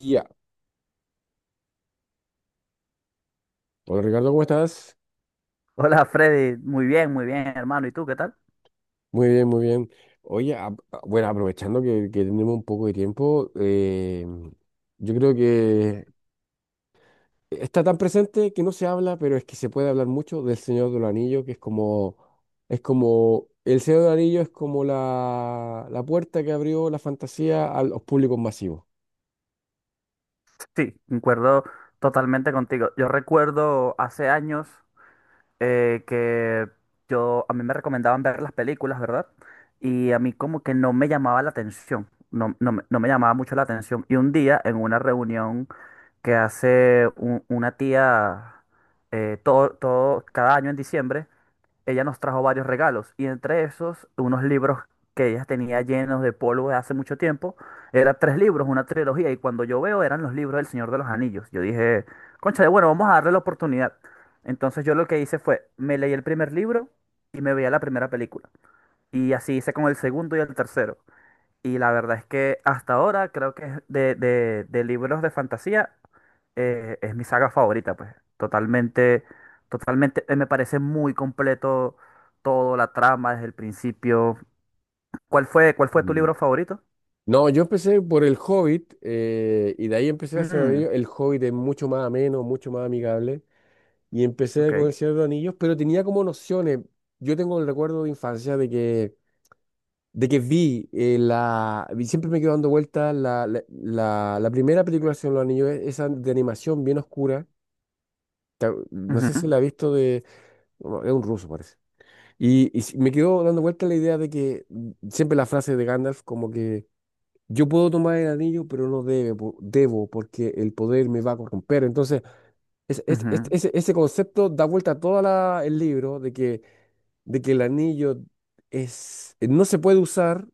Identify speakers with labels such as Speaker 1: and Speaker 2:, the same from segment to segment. Speaker 1: Ya. Hola Ricardo, ¿cómo estás?
Speaker 2: Hola Freddy, muy bien hermano. ¿Y tú qué tal?
Speaker 1: Muy bien, muy bien. Oye, bueno, aprovechando que tenemos un poco de tiempo, yo creo que está tan presente que no se habla, pero es que se puede hablar mucho del Señor de los Anillos, que es como, el Señor de los Anillos es como la puerta que abrió la fantasía a los públicos masivos.
Speaker 2: Sí, concuerdo totalmente contigo. Yo recuerdo hace años, que yo, a mí me recomendaban ver las películas, ¿verdad? Y a mí como que no me llamaba la atención, no, no, me no me llamaba mucho la atención. Y un día en una reunión que hace una tía, todo, cada año en diciembre, ella nos trajo varios regalos y entre esos unos libros que ella tenía llenos de polvo de hace mucho tiempo. Eran tres libros, una trilogía y cuando yo veo eran los libros del Señor de los Anillos. Yo dije, concha bueno, vamos a darle la oportunidad. Entonces yo lo que hice fue, me leí el primer libro y me veía la primera película. Y así hice con el segundo y el tercero. Y la verdad es que hasta ahora creo que es de libros de fantasía, es mi saga favorita, pues. Totalmente, totalmente, me parece muy completo todo, la trama desde el principio. ¿Cuál fue tu
Speaker 1: Mm.
Speaker 2: libro favorito?
Speaker 1: No, yo empecé por El Hobbit, y de ahí empecé a hacer El Señor de
Speaker 2: Mm,
Speaker 1: los Anillos. El Hobbit es mucho más ameno, mucho más amigable. Y empecé
Speaker 2: ok.
Speaker 1: con El Señor de los Anillos, pero tenía como nociones. Yo tengo el recuerdo de infancia de que siempre me quedo dando vueltas la primera película del Señor de los Anillos, esa de animación bien oscura. No sé si
Speaker 2: Ujú,
Speaker 1: la he visto de. No, es un ruso, parece. Y me quedo dando vuelta la idea de que, siempre la frase de Gandalf, como que yo puedo tomar el anillo, pero no debe, debo, porque el poder me va a corromper. Entonces. Es- es- es-
Speaker 2: ujú,
Speaker 1: ese, ese concepto da vuelta a todo el libro, de que el anillo es, no se puede usar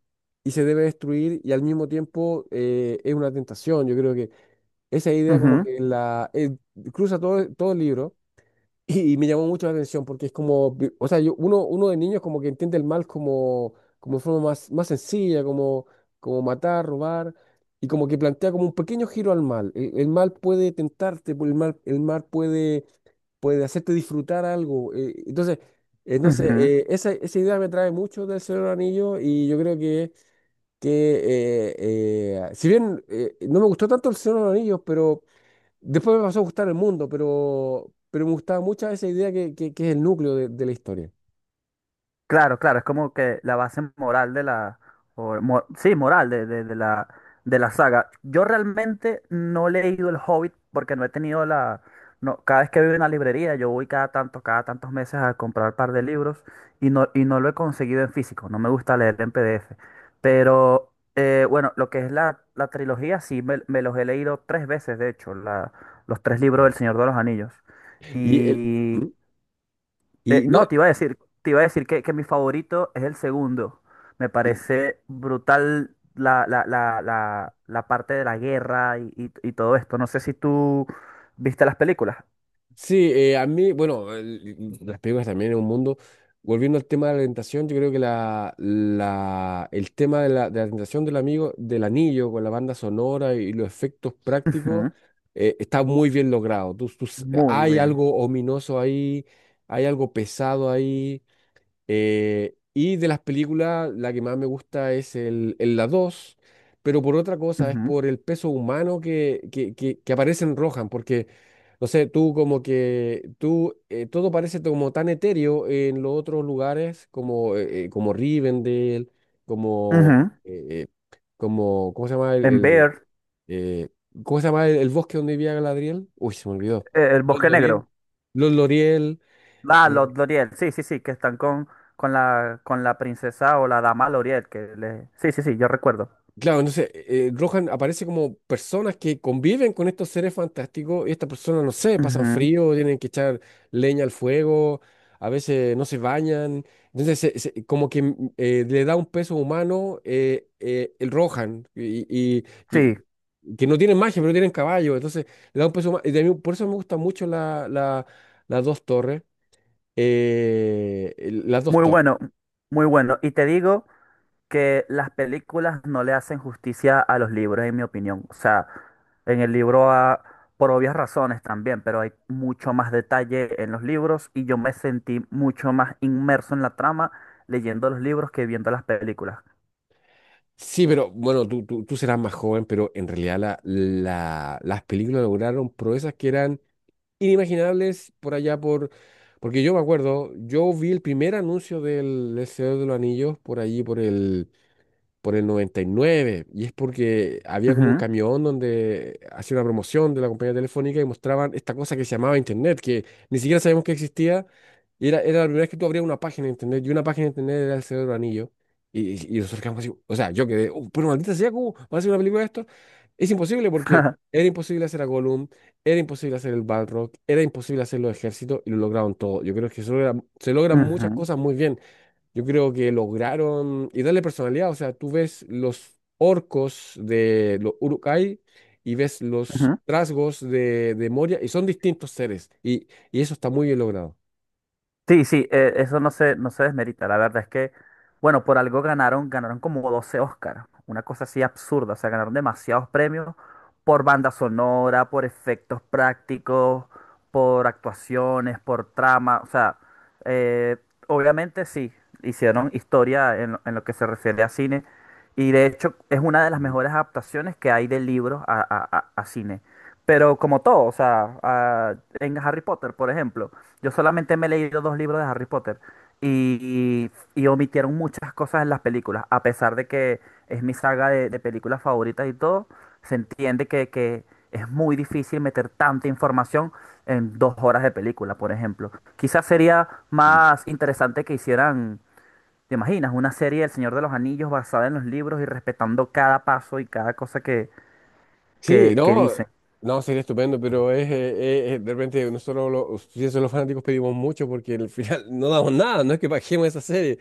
Speaker 1: y se debe destruir, y al mismo tiempo, es una tentación. Yo creo que esa idea como
Speaker 2: ujú,
Speaker 1: que la cruza todo el libro y me llamó mucho la atención porque es como, o sea, yo, uno, de niños como que entiende el mal como, como, de forma más sencilla, como matar, robar. Y como que plantea como un pequeño giro al mal. El mal puede tentarte, el mal puede hacerte disfrutar algo. Entonces, no
Speaker 2: ujú.
Speaker 1: sé, esa idea me trae mucho del Señor del Anillo, y yo creo que eh, si bien, no me gustó tanto el Señor de los Anillos, pero después me pasó a gustar el mundo, pero, me gustaba mucho esa idea que es el núcleo de la historia.
Speaker 2: Claro, claro, es como que la base moral sí, moral de de la saga. Yo realmente no he leído El Hobbit porque no he tenido no, cada vez que voy a una librería, yo voy cada tanto, cada tantos meses a comprar un par de libros y no lo he conseguido en físico, no me gusta leer en PDF. Pero bueno, lo que es la trilogía, sí, me los he leído tres veces, de hecho, los tres libros del
Speaker 1: Mm.
Speaker 2: Señor de los Anillos.
Speaker 1: Y, el, ¿Mm? Y no.
Speaker 2: No, te iba a decir, te iba a decir que mi favorito es el segundo. Me parece brutal la parte de la guerra y todo esto. No sé si tú viste las películas.
Speaker 1: Sí, a mí, bueno, las películas también es un mundo. Volviendo al tema de la tentación, yo creo que el tema de la tentación del amigo, del anillo, con la banda sonora y los efectos prácticos,
Speaker 2: Ujú.
Speaker 1: está muy bien logrado.
Speaker 2: Muy
Speaker 1: Hay
Speaker 2: bien.
Speaker 1: algo ominoso ahí, hay algo pesado ahí. Y de las películas, la que más me gusta es el La dos, pero por otra cosa, es
Speaker 2: Ujú,
Speaker 1: por el peso humano que aparece en Rohan. Porque no sé, tú como que, tú, todo parece como tan etéreo en los otros lugares, como, como Rivendell, como,
Speaker 2: ujú.
Speaker 1: eh, eh, como, ¿cómo se llama el,
Speaker 2: En
Speaker 1: el,
Speaker 2: Bear,
Speaker 1: eh, ¿cómo se llama el bosque donde vivía Galadriel? Uy, se me olvidó.
Speaker 2: el
Speaker 1: Los
Speaker 2: Bosque
Speaker 1: Loriel.
Speaker 2: Negro.
Speaker 1: Los Loriel.
Speaker 2: Ah, los
Speaker 1: eh,
Speaker 2: L'Oriel. Sí, sí, sí, que están con con la princesa o la dama L'Oriel. Que le... Sí, sí, sí, yo recuerdo.
Speaker 1: Claro, entonces, Rohan aparece como personas que conviven con estos seres fantásticos, y estas personas, no sé, pasan
Speaker 2: Ujú.
Speaker 1: frío, tienen que echar leña al fuego, a veces no se bañan. Entonces, como que, le da un peso humano, el Rohan, y
Speaker 2: Sí,
Speaker 1: que no tienen magia, pero tienen caballo. Entonces, le da un peso humano. Y por eso me gustan mucho las dos torres. eh, el- las dos
Speaker 2: muy
Speaker 1: torres.
Speaker 2: bueno, muy bueno. Y te digo que las películas no le hacen justicia a los libros, en mi opinión. O sea, en el libro, ah, por obvias razones también, pero hay mucho más detalle en los libros y yo me sentí mucho más inmerso en la trama leyendo los libros que viendo las películas.
Speaker 1: Sí, pero bueno, tú serás más joven, pero en realidad las películas lograron proezas que eran inimaginables por allá por... Porque yo me acuerdo, yo vi el primer anuncio del El Señor de los Anillos por allí, por el 99, y es porque había como un
Speaker 2: Ujú,
Speaker 1: camión donde hacía una promoción de la compañía telefónica y mostraban esta cosa que se llamaba Internet, que ni siquiera sabíamos que existía, y era la primera vez que tú abrías una página de Internet, y una página de Internet era el Señor de los Anillos, y, y nosotros quedamos así, o sea, yo quedé: "Oh, pero maldita sea, ¿cómo va a ser una película de esto? Es imposible, porque era imposible hacer a Gollum, era imposible hacer el Balrog, era imposible hacer los ejércitos, y lo lograron todo". Yo creo que se logran muchas
Speaker 2: ujú,
Speaker 1: cosas muy bien. Yo creo que lograron y darle personalidad. O sea, tú ves los orcos de los uruk y ves los
Speaker 2: ujú.
Speaker 1: trasgos de Moria, y son distintos seres. Y eso está muy bien logrado.
Speaker 2: Sí, sí, eso no se, no se desmerita. La verdad es que, bueno, por algo ganaron, ganaron como 12 Oscars. Una cosa así absurda. O sea, ganaron demasiados premios por banda sonora, por efectos prácticos, por actuaciones, por trama. O sea, eh, obviamente sí, hicieron historia en lo que se refiere a cine. Y de hecho, es una de las mejores adaptaciones que hay de libros a cine. Pero como todo, o sea, a- en Harry Potter, por ejemplo. Yo solamente me he leído dos libros de Harry Potter y omitieron muchas cosas en las películas. A pesar de que es mi saga de películas favoritas y todo, se entiende que es muy difícil meter tanta información en dos horas de película, por ejemplo. Quizás sería más interesante que hicieran, ¿te imaginas? Una serie del Señor de los Anillos basada en los libros y respetando cada paso y cada cosa
Speaker 1: Sí,
Speaker 2: que
Speaker 1: no,
Speaker 2: dicen.
Speaker 1: no, sería estupendo, pero es, de repente nosotros los, si eso, los fanáticos pedimos mucho, porque al final no damos nada, no es que bajemos esa serie.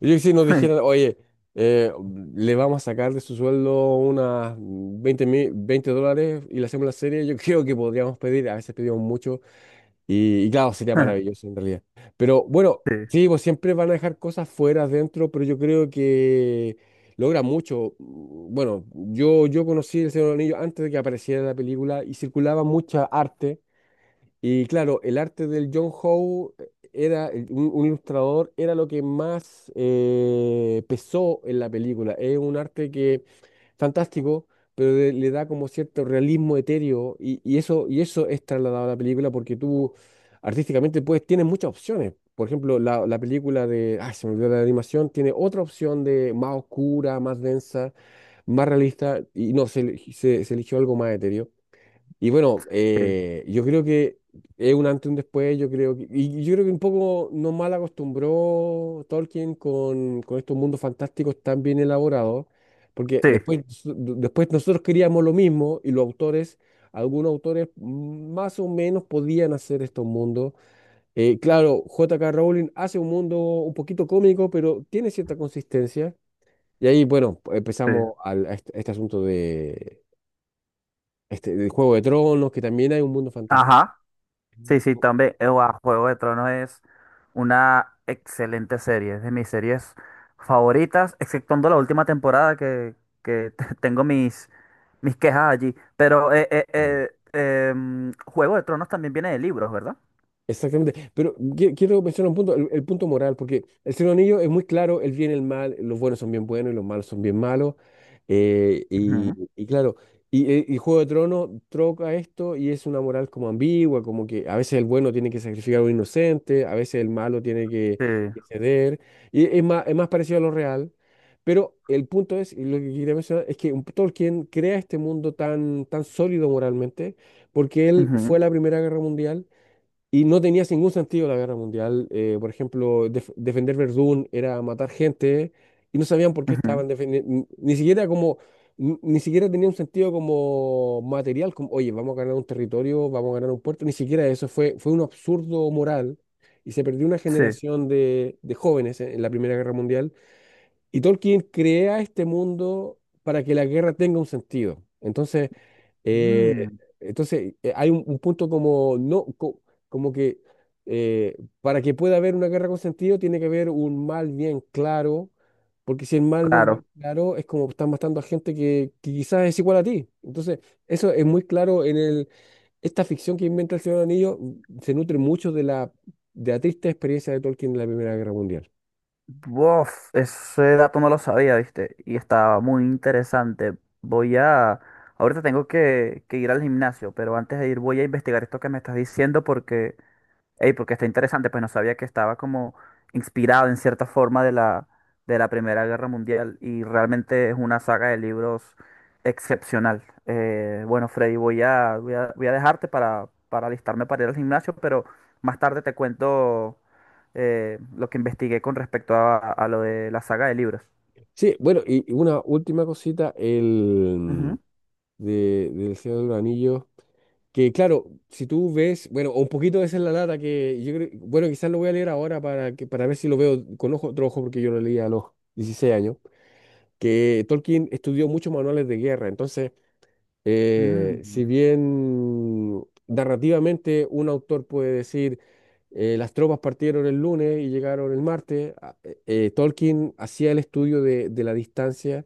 Speaker 1: Yo, que si nos dijeran: oye, eh, le vamos a sacar de su sueldo unas $20 y le hacemos la serie, yo creo que podríamos pedir, a veces pedimos mucho, y claro, sería maravilloso en realidad. Pero bueno,
Speaker 2: Sí,
Speaker 1: sí, pues siempre van a dejar cosas fuera, dentro, pero yo creo que logra mucho. Bueno, yo conocí El Señor de los Anillos antes de que apareciera la película, y circulaba mucha arte, y claro, el arte del John Howe, era, un ilustrador, era lo que más pesó en la película. Es un arte que, fantástico, pero le da como cierto realismo etéreo, y eso, y eso, es trasladado a la película, porque tú artísticamente pues tienes muchas opciones. Por ejemplo, la película de, ay, se me olvidó la animación, tiene otra opción de más oscura, más densa, más realista, y no, se eligió algo más etéreo. Y bueno,
Speaker 2: sí,
Speaker 1: yo creo que es un antes y un después, y yo creo que un poco nos mal acostumbró Tolkien con estos mundos fantásticos tan bien elaborados, porque
Speaker 2: sí,
Speaker 1: después, después nosotros queríamos lo mismo, y los autores, algunos autores más o menos podían hacer estos mundos. Claro, J K Rowling hace un mundo un poquito cómico, pero tiene cierta consistencia. Y ahí, bueno,
Speaker 2: sí.
Speaker 1: empezamos a este asunto del Juego de Tronos, que también hay un mundo fantástico.
Speaker 2: Ajá. Sí, sí, también. Guau, Juego de Tronos es una excelente serie. Es de mis series favoritas, exceptuando la última temporada que te- tengo mis, mis quejas allí. Pero
Speaker 1: Mm.
Speaker 2: Juego de Tronos también viene de libros, ¿verdad?
Speaker 1: Exactamente, pero quiero mencionar un punto, el punto moral, porque el Señor Anillo es muy claro, el bien y el mal, los buenos son bien buenos y los malos son bien malos,
Speaker 2: Ujú.
Speaker 1: y claro, y Juego de Tronos troca esto y es una moral como ambigua, como que a veces el bueno tiene que sacrificar a un inocente, a veces el malo tiene que,
Speaker 2: Sí.
Speaker 1: que ceder, y es más parecido a lo real. Pero el punto es, y lo que quería mencionar, es que Tolkien crea este mundo tan, tan sólido moralmente, porque él fue
Speaker 2: Ujú,
Speaker 1: a la Primera Guerra Mundial. Y no tenía ningún sentido la guerra mundial. Por ejemplo, defender Verdún era matar gente, y no sabían por qué
Speaker 2: ujú.
Speaker 1: estaban defendiendo. Ni siquiera como, ni siquiera tenía un sentido como material, como, oye, vamos a ganar un territorio, vamos a ganar un puerto. Ni siquiera eso fue, un absurdo moral. Y se perdió una
Speaker 2: Sí.
Speaker 1: generación de jóvenes, en la Primera Guerra Mundial. Y Tolkien crea este mundo para que la guerra tenga un sentido. Eh,
Speaker 2: Mm,
Speaker 1: entonces, hay un punto como, no, como que, para que pueda haber una guerra con sentido, tiene que haber un mal bien claro, porque si el mal no es bien
Speaker 2: claro.
Speaker 1: claro, es como estás matando a gente que quizás es igual a ti. Entonces, eso es muy claro en esta ficción que inventa el Señor Anillo, se nutre mucho de la triste experiencia de Tolkien en la Primera Guerra Mundial.
Speaker 2: Bof, ese dato no lo sabía, ¿viste? Y estaba muy interesante. Voy a... Ahorita tengo que ir al gimnasio, pero antes de ir voy a investigar esto que me estás diciendo porque ey, porque está interesante, pues no sabía que estaba como inspirado en cierta forma de la Primera Guerra Mundial y realmente es una saga de libros excepcional. Bueno, Freddy, voy a dejarte para alistarme para ir al gimnasio, pero más tarde te cuento lo que investigué con respecto a lo de la saga de libros.
Speaker 1: Sí, bueno, y una última cosita,
Speaker 2: Ujú.
Speaker 1: del Señor de los Anillos, que claro, si tú ves, bueno, un poquito esa es la lata que yo creo, bueno, quizás lo voy a leer ahora para que, para ver si lo veo con ojo, otro ojo, porque yo lo leí a los 16 años, que Tolkien estudió muchos manuales de guerra. Entonces, si
Speaker 2: Mm.
Speaker 1: bien narrativamente un autor puede decir, las tropas partieron el lunes y llegaron el martes, Tolkien hacía el estudio de la distancia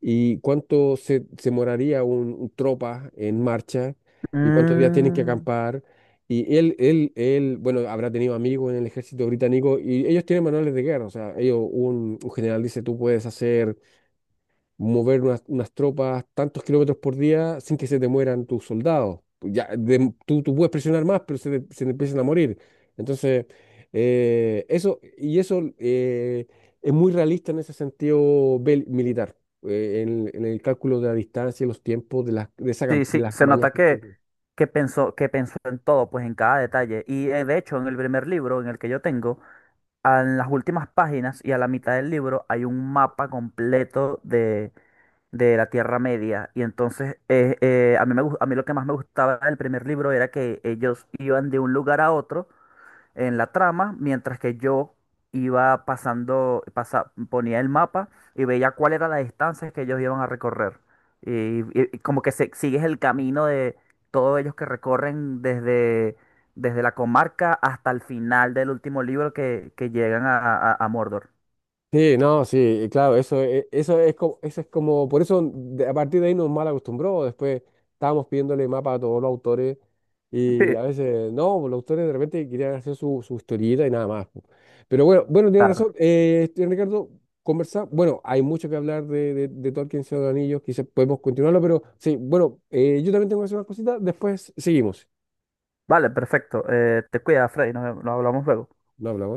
Speaker 1: y cuánto se moraría un tropa en marcha, y cuántos días tienen que
Speaker 2: Mm.
Speaker 1: acampar. Y él, bueno, habrá tenido amigos en el ejército británico, y ellos tienen manuales de guerra, o sea, ellos, un general dice, tú puedes hacer mover unas tropas tantos kilómetros por día sin que se te mueran tus soldados. Ya, tú puedes presionar más, pero se te empiezan a morir. Entonces, y eso, es muy realista en ese sentido, militar, en el cálculo de la distancia y los tiempos de, las, de, esa cam-
Speaker 2: Sí,
Speaker 1: de
Speaker 2: sí,
Speaker 1: las
Speaker 2: se
Speaker 1: mañas
Speaker 2: nota
Speaker 1: que.
Speaker 2: que pensó en todo, pues en cada detalle. Y de hecho, en el primer libro, en el que yo tengo, a- en las últimas páginas y a la mitad del libro hay un mapa completo de la Tierra Media. Y entonces, a mí me, gus- a mí lo que más me gustaba del primer libro era que ellos iban de un lugar a otro en la trama, mientras que yo iba pasando, pasa- ponía el mapa y veía cuál era la distancia que ellos iban a recorrer. Y como que se- sigues el camino de todos ellos que recorren desde, desde la comarca hasta el final del último libro que llegan a, a Mordor.
Speaker 1: Sí, no, sí, claro, eso es como, por eso, a partir de ahí nos mal acostumbró. Después estábamos pidiéndole mapa a todos los autores,
Speaker 2: Sí,
Speaker 1: y a veces no, pues, los autores de repente querían hacer su historieta y nada más. Po. Pero bueno, bueno, tienes razón,
Speaker 2: claro.
Speaker 1: Ricardo, conversar, bueno, hay mucho que hablar de Tolkien, Señor de los Anillos, quizás podemos continuarlo, pero sí, bueno, yo también tengo que hacer unas cositas, después seguimos.
Speaker 2: Vale, perfecto. Te cuidas, Freddy. Nos nos hablamos luego.
Speaker 1: No hablamos.